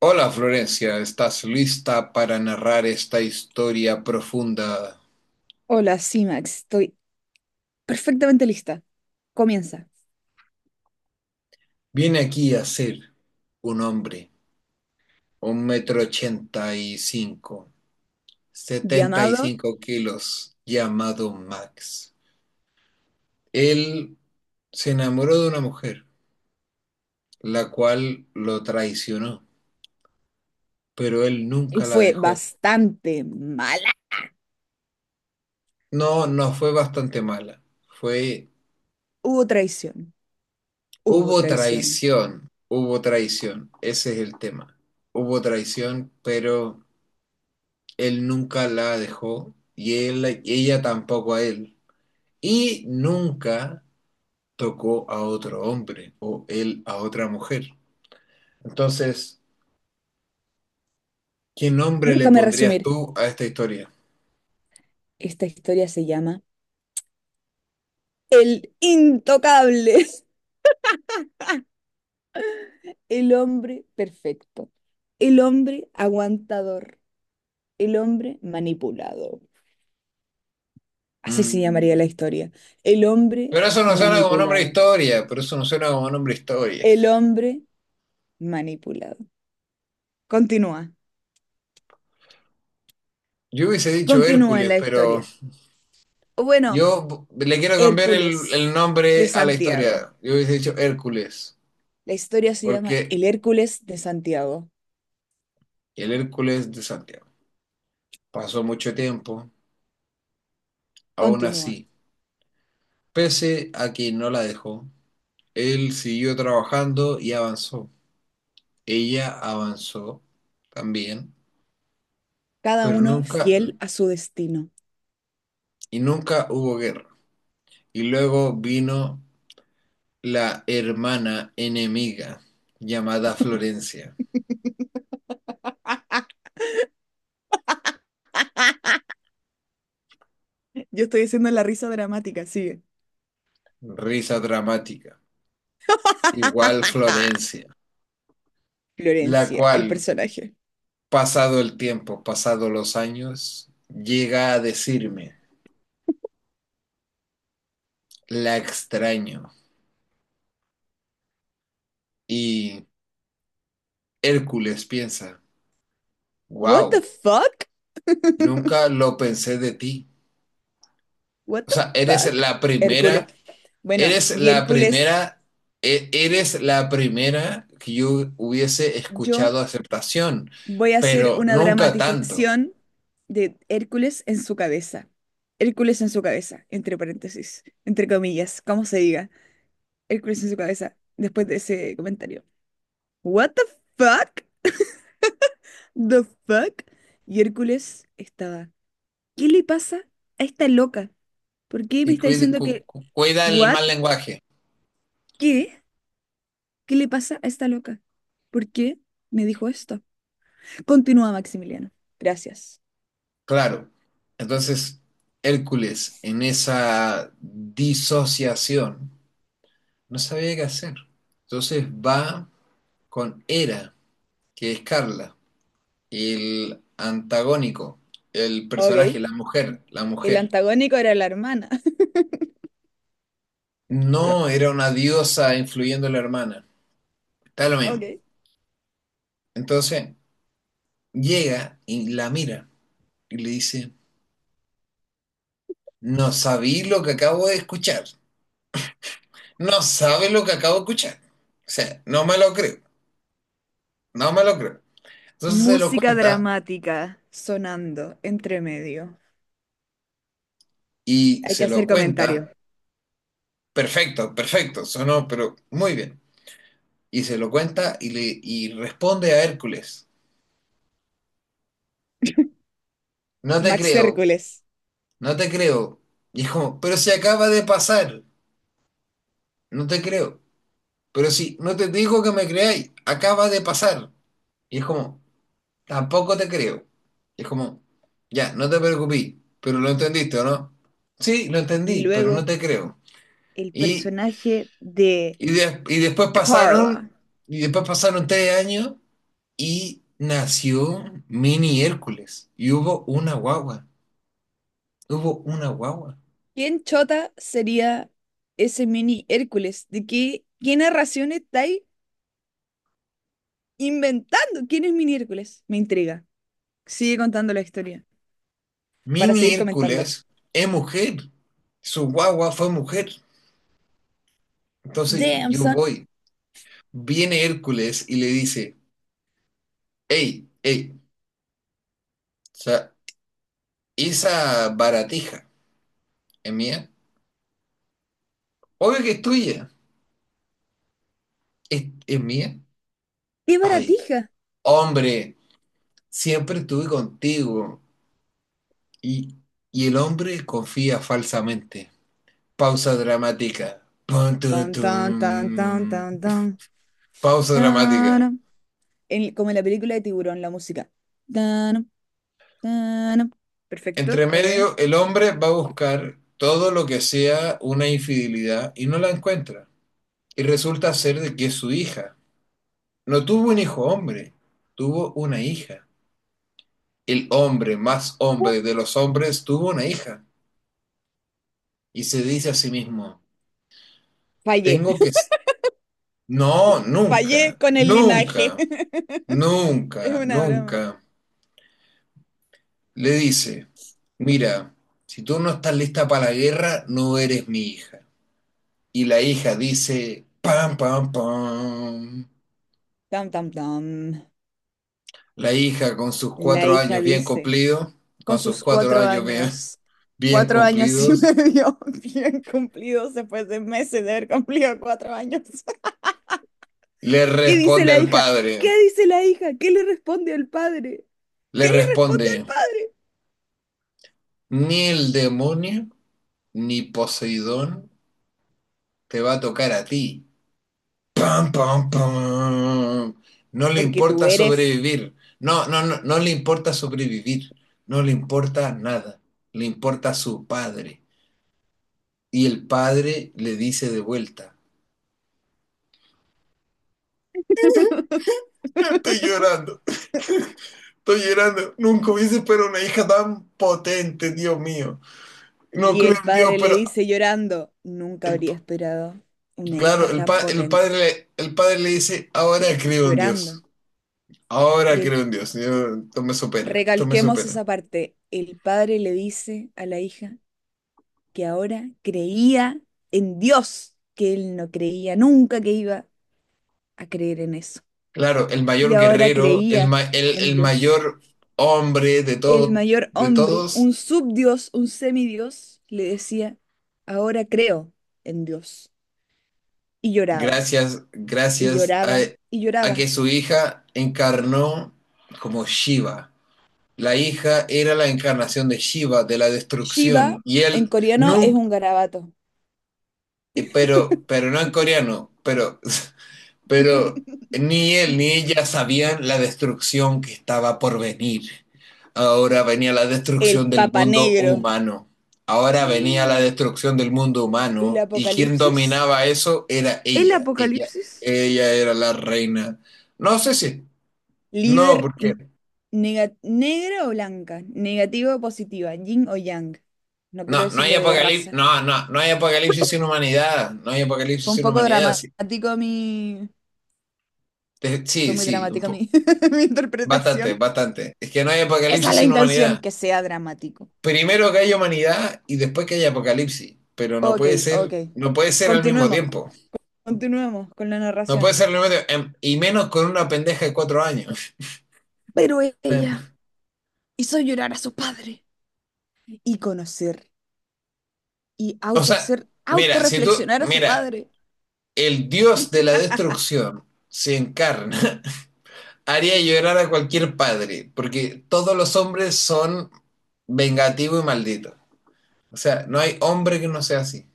Hola Florencia, ¿estás lista para narrar esta historia profunda? Hola, sí, Max, estoy perfectamente lista. Comienza. Viene aquí a ser un hombre, un metro ochenta y cinco, setenta y Llamado cinco kilos, llamado Max. Él se enamoró de una mujer, la cual lo traicionó, pero él y nunca la fue dejó. bastante mala. No, no fue bastante mala, fue... Hubo traición. Hubo traición. Hubo traición, ese es el tema. Hubo traición, pero él nunca la dejó y él, ella tampoco a él. Y nunca tocó a otro hombre o él a otra mujer. Entonces, ¿qué nombre le Déjame pondrías resumir. tú a esta historia? Esta historia se llama El Intocable, el hombre perfecto, el hombre aguantador, el hombre manipulado. Así se llamaría Mm. la historia. El hombre Pero eso no suena como nombre de manipulado. historia, pero eso no suena como nombre de historia. El hombre manipulado. Continúa. Yo hubiese dicho Continúa en Hércules, la pero historia. O bueno. yo le quiero cambiar el Hércules de nombre a la Santiago. historia. Yo hubiese dicho Hércules, La historia se llama porque El Hércules de Santiago. el Hércules de Santiago pasó mucho tiempo, aún Continúa. así pese a que no la dejó, él siguió trabajando y avanzó. Ella avanzó también, Cada pero uno nunca fiel a su destino. y nunca hubo guerra. Y luego vino la hermana enemiga llamada Florencia. Yo estoy haciendo la risa dramática, sigue. Risa dramática. Igual Florencia, la Florencia, el cual, personaje. pasado el tiempo, pasado los años, llega a decirme, la extraño. Y Hércules piensa, What wow, the fuck? nunca lo pensé de ti. What O the sea, fuck? Hércules. Bueno, eres y la Hércules, primera, eres la primera que yo hubiese yo escuchado aceptación, voy a hacer pero una nunca tanto. dramatización de Hércules en su cabeza. Hércules en su cabeza, entre paréntesis, entre comillas, como se diga. Hércules en su cabeza después de ese comentario. What the fuck? The fuck? Y Hércules estaba. ¿Qué le pasa a esta loca? ¿Por qué me Y está cuida, diciendo cu- que cu- cuida el what? mal lenguaje, ¿Qué? ¿Qué le pasa a esta loca? ¿Por qué me dijo esto? Continúa Maximiliano. Gracias. claro. Entonces, Hércules, en esa disociación, no sabía qué hacer. Entonces va con Hera, que es Carla. El antagónico, el personaje, Ok. la sí, mujer, la El mujer. antagónico era la hermana. No era una diosa influyendo a la hermana. Está lo mismo. Ok. Entonces llega y la mira y le dice, no sabí lo que acabo de escuchar. No sabe lo que acabo de escuchar. O sea, no me lo creo, no me lo creo. Entonces se lo Música cuenta dramática sonando entre medio. y Hay que se lo hacer comentario. cuenta. Perfecto, perfecto, sonó, pero muy bien. Y se lo cuenta y, le, y responde a Hércules. No te Max creo, Hércules. no te creo. Y es como, pero si acaba de pasar, no te creo. Pero si no te digo que me creáis, acaba de pasar. Y es como, tampoco te creo. Y es como, ya, no te preocupes, pero lo entendiste, ¿o no? Sí, lo Y entendí, pero no luego te creo. el Y, personaje de y, de- y después pasaron, Carla. y después pasaron 3 años y nació Mini Hércules. Y hubo una guagua. Hubo una guagua. ¿Quién chota sería ese mini Hércules? ¿De qué narración estáis inventando? ¿Quién es mini Hércules? Me intriga. Sigue contando la historia para Mini seguir comentando. Hércules es mujer. Su guagua fue mujer. Entonces Damn, yo son. voy. Viene Hércules y le dice, hey, hey, o sea, esa baratija es mía. Obvio que es tuya. ¿Es mía? ¡Qué Ay, baratija! hombre, siempre estuve contigo. Y, y el hombre confía falsamente. Pausa dramática. Pum, tum, Tan, tan, tan, tan, tum. tan, tan, Pausa dramática. tan. Como en la película de Tiburón, la música. Tan, tan. Perfecto, Entre ok. medio, el hombre va a buscar todo lo que sea una infidelidad y no la encuentra. Y resulta ser de que es su hija. No tuvo un hijo hombre, tuvo una hija. El hombre más hombre de los hombres tuvo una hija. Y se dice a sí mismo, Fallé, tengo que... No, fallé nunca, con el linaje. nunca, Es nunca, una broma. nunca. Le dice, mira, si tú no estás lista para la guerra, no eres mi hija. Y la hija dice, pam, pam, pam. Tam, tam, tam. La hija con sus La cuatro hija años bien dice, cumplidos, con con sus sus cuatro cuatro años bien, años. bien Cuatro años y cumplidos, medio bien cumplidos después de meses de haber cumplido 4 años. le ¿Qué dice responde la al hija? padre, ¿Qué dice la hija? ¿Qué le responde al padre? ¿Qué le le responde responde, al padre? ni el demonio ni Poseidón te va a tocar a ti. Pam, pam, pam. No le Porque tú importa eres. sobrevivir. No, no, no, no le importa sobrevivir. No le importa nada. Le importa a su padre. Y el padre le dice de vuelta, estoy llorando, estoy llorando. Nunca hubiese esperado una hija tan potente, Dios mío. No Y creo el en Dios, padre le pero dice llorando, nunca habría el- esperado una hija claro, el, tan pa- el padre, potente, el padre le dice, ahora creo en llorando. Dios. Ahora Y el creo en Dios. Yo, esto me supera, esto me Recalquemos supera. esa parte. El padre le dice a la hija que ahora creía en Dios, que él no creía nunca que iba a creer en eso. Claro, el Y mayor ahora guerrero, el, creía ma- el, en el Dios. mayor hombre de, El todo, mayor de hombre, todos, un subdios, un semidios, le decía, ahora creo en Dios. Y lloraba, gracias, y gracias lloraba, y a que lloraba. su hija encarnó como Shiva. La hija era la encarnación de Shiva, de la Shiva destrucción. Y en él coreano es nunca, un garabato. pero no en coreano, pero, pero ni él ni ella sabían la destrucción que estaba por venir. Ahora venía la El destrucción del papa mundo negro. humano. Ahora venía la destrucción del mundo El humano y quien apocalipsis. dominaba eso era El ella. Ella, apocalipsis. ella era la reina. No sé si, Líder no, porque n- Negra o blanca, negativa o positiva, yin o yang. No quiero no, no hay decirlo de apocalipsis, raza. no, no, no hay apocalipsis sin humanidad, no hay apocalipsis Fue un sin poco humanidad, sí, dramático mi... Fue sí, muy sí, dramática mi bastante, interpretación. bastante. Es que no hay Esa es apocalipsis la sin intención, humanidad. que sea dramático. Primero que haya humanidad y después que haya apocalipsis, pero no Ok, puede ok. ser, no puede ser al mismo Continuemos, tiempo. continuemos con la No puede narración. ser al mismo tiempo, y menos con una pendeja de 4 años. Pero ella hizo llorar a su padre y conocer y O sea, mira, si tú, autorreflexionar a su mira, padre. el dios de la destrucción se encarna haría llorar a cualquier padre, porque todos los hombres son vengativos y malditos. O sea, no hay hombre que no sea así.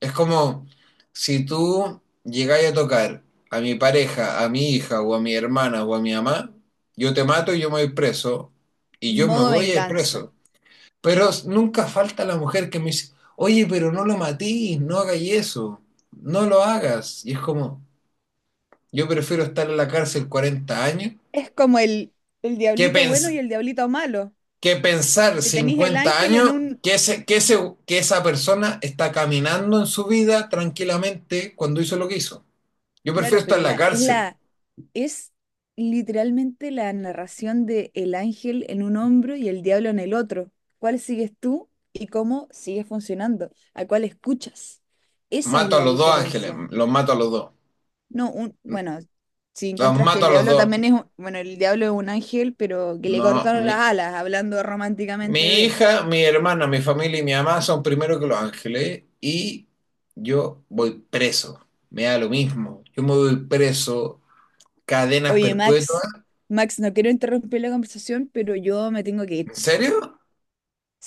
Es como si tú llegáis a tocar a mi pareja, a mi hija o a mi hermana o a mi mamá, yo te mato y yo me voy preso y yo me Modo voy a ir venganza. preso. Pero nunca falta la mujer que me dice, oye, pero no lo matís, no hagáis eso, no lo hagas. Y es como, yo prefiero estar en la cárcel 40 años Es como el que, diablito bueno y el diablito malo. que pensar Que tenéis el 50 ángel en años un... que, ese, que, ese, que esa persona está caminando en su vida tranquilamente cuando hizo lo que hizo. Yo prefiero Claro, estar en la es cárcel. la... Es literalmente la narración de el ángel en un hombro y el diablo en el otro. ¿Cuál sigues tú y cómo sigue funcionando? ¿A cuál escuchas? Esa es Mato a la los dos ángeles, diferencia. los mato a los dos. Bueno, si Los encuentras que mato el a los diablo dos. también es... Bueno, el diablo es un ángel, pero que le No, cortaron las mi, alas, hablando románticamente mi de... hija, mi hermana, mi familia y mi mamá son primero que los ángeles y yo voy preso. Me da lo mismo. Yo me voy preso, cadenas Oye, perpetuas. Max, Max, no quiero interrumpir la conversación, pero yo me tengo que ir. ¿En serio?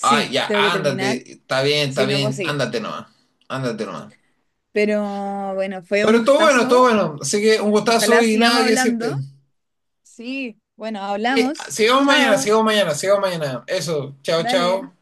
Ay, ya, tengo que terminar, ándate, está si no puedo bien, seguir. ándate nomás, ándate nomás. Pero bueno, fue un Pero todo gustazo. bueno, así que un gustazo Ojalá y nada sigamos que decirte. hablando. Sí, bueno, Sí, hablamos. sigamos mañana, Chao, sigamos mañana, sigamos mañana. Eso, chao, dale. chao.